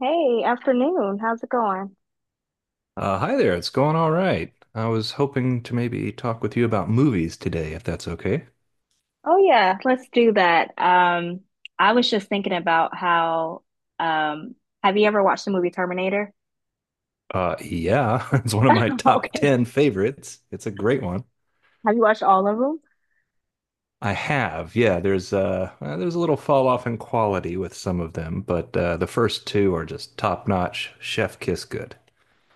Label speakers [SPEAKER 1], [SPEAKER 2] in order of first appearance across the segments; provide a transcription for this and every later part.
[SPEAKER 1] Hey, afternoon. How's it going?
[SPEAKER 2] Hi there, it's going all right. I was hoping to maybe talk with you about movies today, if that's okay.
[SPEAKER 1] Oh yeah, let's do that. I was just thinking about how um have you ever watched the movie Terminator?
[SPEAKER 2] Yeah, it's one of my top
[SPEAKER 1] Okay.
[SPEAKER 2] 10 favorites. It's a great one.
[SPEAKER 1] Have you watched all of them?
[SPEAKER 2] I have, yeah, there's a little fall off in quality with some of them, but the first two are just top notch, chef kiss good.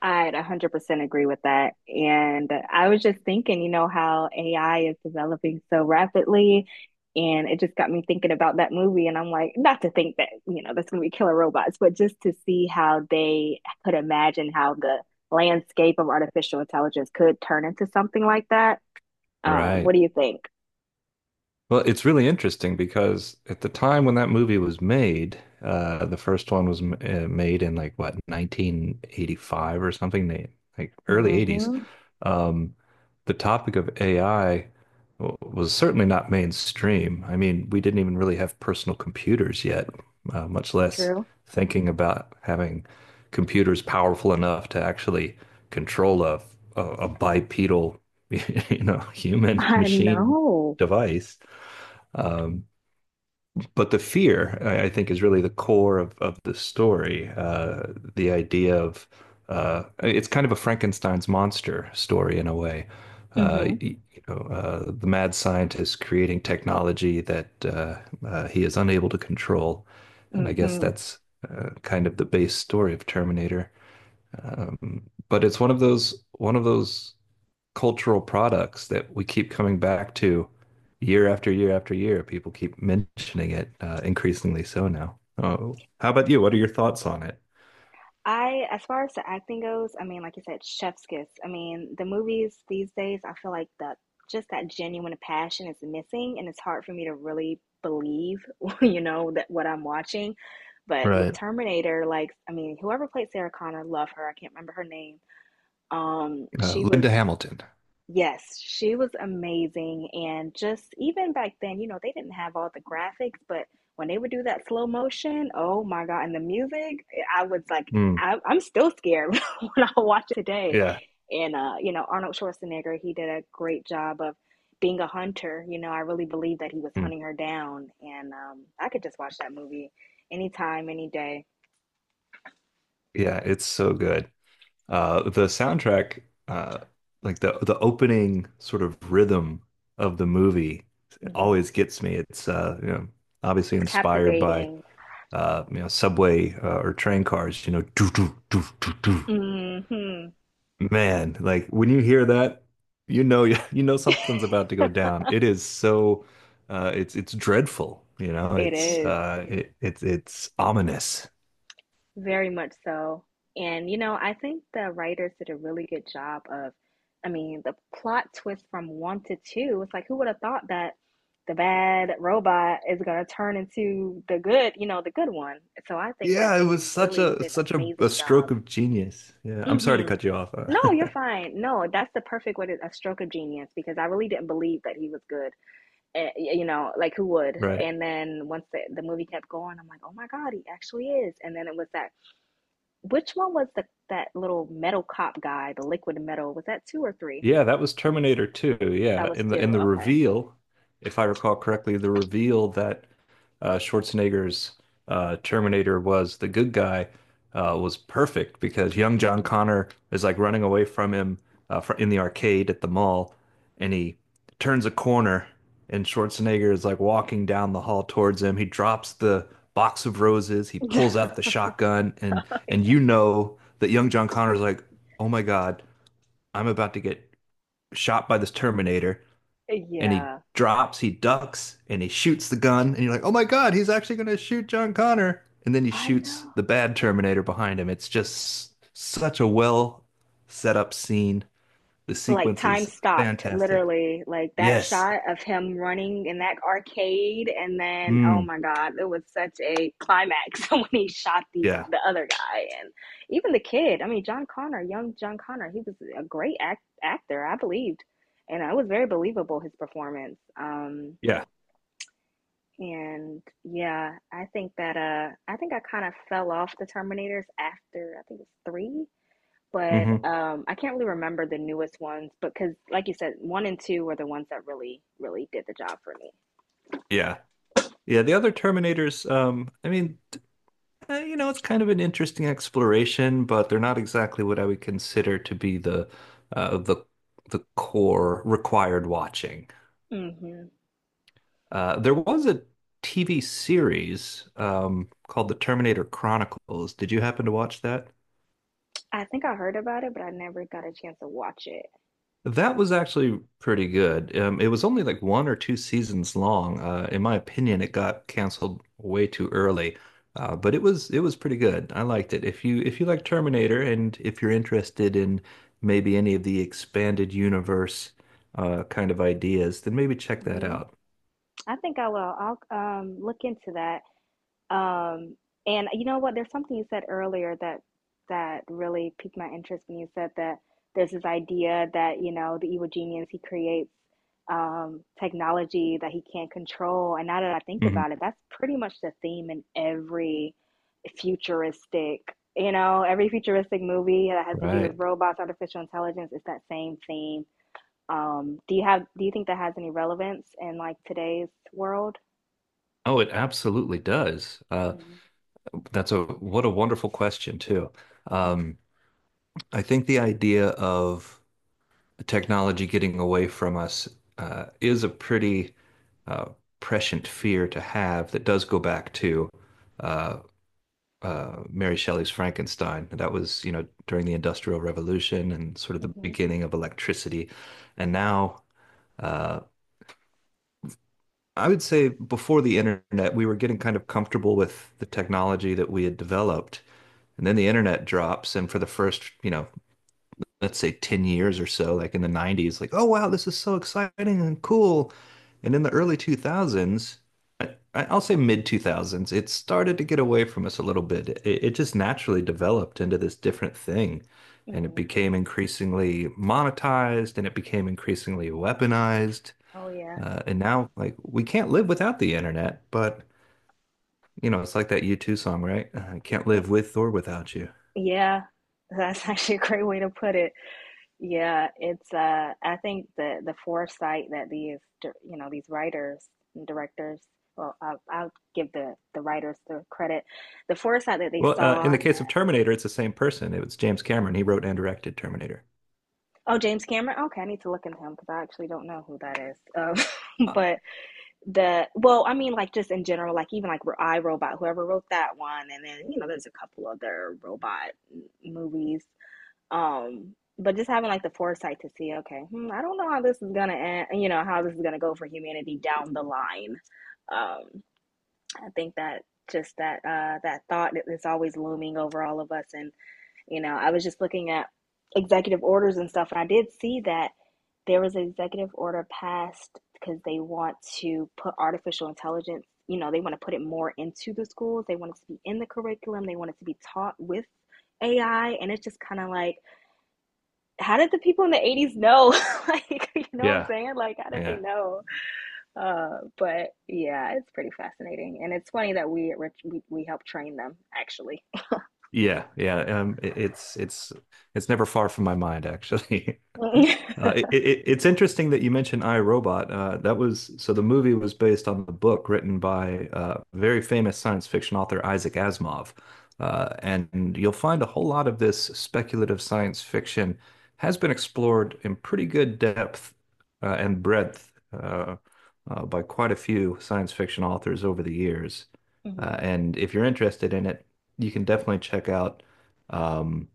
[SPEAKER 1] I'd 100% agree with that. And I was just thinking, how AI is developing so rapidly. And it just got me thinking about that movie. And I'm like, not to think that, that's going to be killer robots, but just to see how they could imagine how the landscape of artificial intelligence could turn into something like that. What
[SPEAKER 2] Right.
[SPEAKER 1] do you think?
[SPEAKER 2] Well, it's really interesting because at the time when that movie was made, the first one was made in like what, 1985 or something, like early 80s.
[SPEAKER 1] Mm-hmm.
[SPEAKER 2] Um, the topic of AI was certainly not mainstream. I mean, we didn't even really have personal computers yet, much less
[SPEAKER 1] True.
[SPEAKER 2] thinking about having computers powerful enough to actually control a bipedal, you know, human
[SPEAKER 1] I
[SPEAKER 2] machine
[SPEAKER 1] know.
[SPEAKER 2] device, but the fear, I think, is really the core of the story. The idea of it's kind of a Frankenstein's monster story in a way.
[SPEAKER 1] Mm-hmm.
[SPEAKER 2] You know, the mad scientist creating technology that he is unable to control, and I guess
[SPEAKER 1] Mm-hmm.
[SPEAKER 2] that's kind of the base story of Terminator. Um, but it's one of those cultural products that we keep coming back to year after year after year. People keep mentioning it, increasingly so now. Oh, how about you? What are your thoughts on it?
[SPEAKER 1] I, as far as the acting goes, I mean, like you said, chef's kiss. I mean, the movies these days, I feel like the just that genuine passion is missing, and it's hard for me to really believe, that what I'm watching. But with
[SPEAKER 2] Right.
[SPEAKER 1] Terminator, like, I mean, whoever played Sarah Connor, love her. I can't remember her name. She
[SPEAKER 2] Linda
[SPEAKER 1] was.
[SPEAKER 2] Hamilton.
[SPEAKER 1] Yes, she was amazing. And just even back then, they didn't have all the graphics, but when they would do that slow motion, oh my God, and the music, eh, I was like,
[SPEAKER 2] Mm,
[SPEAKER 1] I'm still scared when I watch it today.
[SPEAKER 2] yeah.
[SPEAKER 1] And, you know, Arnold Schwarzenegger, he did a great job of being a hunter. You know, I really believe that he was
[SPEAKER 2] Mm,
[SPEAKER 1] hunting her down. And I could just watch that movie anytime, any day.
[SPEAKER 2] yeah, it's so good. The soundtrack, uh, like the opening sort of rhythm of the movie
[SPEAKER 1] Hmm.
[SPEAKER 2] always gets me. It's you know, obviously
[SPEAKER 1] It's
[SPEAKER 2] inspired by
[SPEAKER 1] captivating.
[SPEAKER 2] you know, subway or train cars, you know, do do do do do.
[SPEAKER 1] Hmm.
[SPEAKER 2] Man, like when you hear that, you know, you know something's about to go down. It is so it's dreadful, you know.
[SPEAKER 1] It
[SPEAKER 2] It's
[SPEAKER 1] is.
[SPEAKER 2] it's ominous.
[SPEAKER 1] Very much so. And, you know, I think the writers did a really good job of, I mean, the plot twist from one to two, it's like, who would have thought that the bad robot is going to turn into the good, the good one? So I think that
[SPEAKER 2] Yeah, it
[SPEAKER 1] they
[SPEAKER 2] was
[SPEAKER 1] really did an
[SPEAKER 2] such a
[SPEAKER 1] amazing job.
[SPEAKER 2] stroke of genius. Yeah, I'm sorry to
[SPEAKER 1] Hmm.
[SPEAKER 2] cut you off.
[SPEAKER 1] No, you're fine. No, that's the perfect way to, a stroke of genius because I really didn't believe that he was good. Eh, you know, like who would?
[SPEAKER 2] Right.
[SPEAKER 1] And then once the movie kept going, I'm like, oh my God, he actually is. And then it was that which one was the that little metal cop guy, the liquid metal? Was that two or three?
[SPEAKER 2] Yeah, that was Terminator 2.
[SPEAKER 1] That
[SPEAKER 2] Yeah,
[SPEAKER 1] was
[SPEAKER 2] in the
[SPEAKER 1] two.
[SPEAKER 2] in the
[SPEAKER 1] Okay.
[SPEAKER 2] reveal, if I recall correctly, the reveal that Schwarzenegger's Terminator was the good guy was perfect because young John Connor is like running away from him, fr in the arcade at the mall, and he turns a corner, and Schwarzenegger is like walking down the hall towards him. He drops the box of roses, he pulls out the
[SPEAKER 1] Hmm.
[SPEAKER 2] shotgun, and you know that young John Connor is like, oh my God, I'm about to get shot by this Terminator, and he
[SPEAKER 1] Yeah,
[SPEAKER 2] drops, he ducks, and he shoots the gun, and you're like, oh my God, he's actually going to shoot John Connor. And then he
[SPEAKER 1] I
[SPEAKER 2] shoots
[SPEAKER 1] know.
[SPEAKER 2] the bad Terminator behind him. It's just such a well set up scene. The
[SPEAKER 1] Like
[SPEAKER 2] sequence
[SPEAKER 1] time
[SPEAKER 2] is
[SPEAKER 1] stopped,
[SPEAKER 2] fantastic.
[SPEAKER 1] literally. Like that
[SPEAKER 2] Yes.
[SPEAKER 1] shot of him running in that arcade, and then oh
[SPEAKER 2] Mm.
[SPEAKER 1] my God, it was such a climax when he shot the
[SPEAKER 2] Yeah.
[SPEAKER 1] the other guy, and even the kid. I mean, John Connor, young John Connor, he was a great actor, I believed, and it was very believable his performance.
[SPEAKER 2] Yeah.
[SPEAKER 1] And yeah, I think that I think I kind of fell off the Terminators after I think it's three, but
[SPEAKER 2] Hmm.
[SPEAKER 1] I can't really remember the newest ones but because like you said, one and two were the ones that really, really did the job for
[SPEAKER 2] Yeah. Yeah. The other Terminators, I mean, you know, it's kind of an interesting exploration, but they're not exactly what I would consider to be the uh, the the core required watching.
[SPEAKER 1] me. Hmm.
[SPEAKER 2] There was a TV series called The Terminator Chronicles. Did you happen to watch that?
[SPEAKER 1] I think I heard about it, but I never got a chance to watch it.
[SPEAKER 2] That was actually pretty good. It was only like one or two seasons long. In my opinion, it got canceled way too early, but it was pretty good. I liked it. If you like Terminator and if you're interested in maybe any of the expanded universe kind of ideas, then maybe check that
[SPEAKER 1] Hmm.
[SPEAKER 2] out.
[SPEAKER 1] I think I will. I'll look into that. Um, and you know what? There's something you said earlier that really piqued my interest when you said that there's this idea that, the evil genius, he creates technology that he can't control. And now that I think
[SPEAKER 2] Mhm.
[SPEAKER 1] about it, that's pretty much the theme in every futuristic, every futuristic movie that has to do with
[SPEAKER 2] Right.
[SPEAKER 1] robots, artificial intelligence, it's that same theme. Do you think that has any relevance in like today's world?
[SPEAKER 2] Oh, it absolutely does.
[SPEAKER 1] Mm-hmm.
[SPEAKER 2] That's a— what a wonderful question too. Um, I think the idea of technology getting away from us is a pretty uh, prescient fear to have that does go back to uh, Mary Shelley's Frankenstein. That was, you know, during the Industrial Revolution and sort of the
[SPEAKER 1] Mm-hmm.
[SPEAKER 2] beginning of electricity. And now, uh, I would say before the internet, we were getting kind of comfortable with the technology that we had developed. And then the internet drops, and for the first, you know, let's say 10 years or so, like in the 90s, like, oh wow, this is so exciting and cool. And in the early 2000s, will say mid 2000s, it started to get away from us a little bit. It just naturally developed into this different thing. And it
[SPEAKER 1] Mm-hmm.
[SPEAKER 2] became increasingly monetized, and it became increasingly weaponized.
[SPEAKER 1] Oh yeah.
[SPEAKER 2] And now, like, we can't live without the internet, but, you know, it's like that U2 song, right? I can't
[SPEAKER 1] Y-
[SPEAKER 2] live with or without you.
[SPEAKER 1] Yeah. That's actually a great way to put it. Yeah, it's I think the foresight that these you know, these writers and directors, well, I'll give the writers the credit. The foresight that they
[SPEAKER 2] Well, in
[SPEAKER 1] saw,
[SPEAKER 2] the case of Terminator, it's the same person. It was James Cameron. He wrote and directed Terminator.
[SPEAKER 1] oh, James Cameron. Okay, I need to look into him because I actually don't know who that is.
[SPEAKER 2] Huh.
[SPEAKER 1] But the well, I mean like just in general, like even like I Robot, whoever wrote that one and then, you know, there's a couple other robot movies um but just having like the foresight to see okay, hmm, I don't know how this is gonna end, you know how this is gonna go for humanity down the line. um I think that just that that thought is always looming over all of us, and you know, I was just looking at executive orders and stuff, and I did see that there was an executive order passed because they want to put artificial intelligence, they want to put it more into the schools, they want it to be in the curriculum, they want it to be taught with AI. And it's just kind of like how did the people in the 80s know? Like, you know what I'm
[SPEAKER 2] Yeah,
[SPEAKER 1] saying? Like, how did they
[SPEAKER 2] yeah,
[SPEAKER 1] know? But yeah, it's pretty fascinating. And it's funny that we we help train them, actually.
[SPEAKER 2] yeah. It's never far from my mind, actually. It's interesting that you mentioned iRobot. That was— so the movie was based on the book written by very famous science fiction author Isaac Asimov. And you'll find a whole lot of this speculative science fiction has been explored in pretty good depth and breadth, by quite a few science fiction authors over the years.
[SPEAKER 1] Hmm.
[SPEAKER 2] And if you're interested in it, you can definitely check out. Um,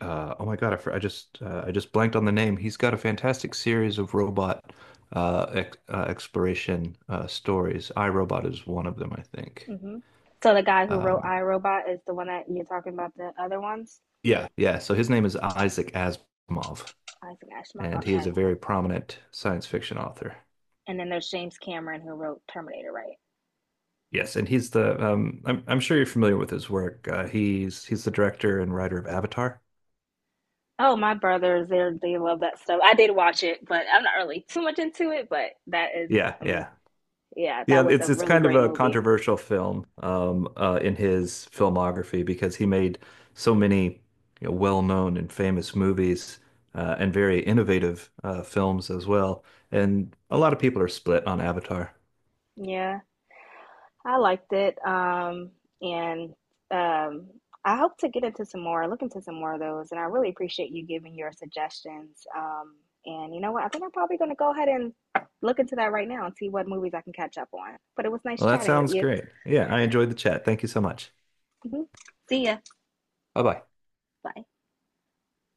[SPEAKER 2] oh my God, I just blanked on the name. He's got a fantastic series of robot ex exploration stories. I, Robot is one of them, I think.
[SPEAKER 1] Hmm. So the guy who wrote
[SPEAKER 2] Um,
[SPEAKER 1] I Robot is the one that you're talking about, the other ones?
[SPEAKER 2] yeah, yeah. So his name is Isaac Asimov,
[SPEAKER 1] Isaac Asimov?
[SPEAKER 2] and he is
[SPEAKER 1] Okay.
[SPEAKER 2] a very prominent science fiction author.
[SPEAKER 1] And then there's James Cameron who wrote Terminator, right?
[SPEAKER 2] Yes, and he's the I'm sure you're familiar with his work. He's the director and writer of Avatar.
[SPEAKER 1] Oh, my brothers, they love that stuff. I did watch it, but I'm not really too much into it, but that is,
[SPEAKER 2] Yeah,
[SPEAKER 1] I mean,
[SPEAKER 2] yeah.
[SPEAKER 1] yeah, that
[SPEAKER 2] Yeah,
[SPEAKER 1] was a
[SPEAKER 2] it's
[SPEAKER 1] really
[SPEAKER 2] kind of
[SPEAKER 1] great
[SPEAKER 2] a
[SPEAKER 1] movie.
[SPEAKER 2] controversial film in his filmography because he made so many, you know, well-known and famous movies, and very innovative films as well. And a lot of people are split on Avatar.
[SPEAKER 1] Yeah. I liked it. And um, I hope to get into some more, look into some more of those. And I really appreciate you giving your suggestions. And you know what? I think I'm probably going to go ahead and look into that right now and see what movies I can catch up on. But it was nice
[SPEAKER 2] Well, that
[SPEAKER 1] chatting with
[SPEAKER 2] sounds
[SPEAKER 1] you.
[SPEAKER 2] great. Yeah, I enjoyed the chat. Thank you so much.
[SPEAKER 1] Mhm. See ya.
[SPEAKER 2] Bye bye.
[SPEAKER 1] Bye.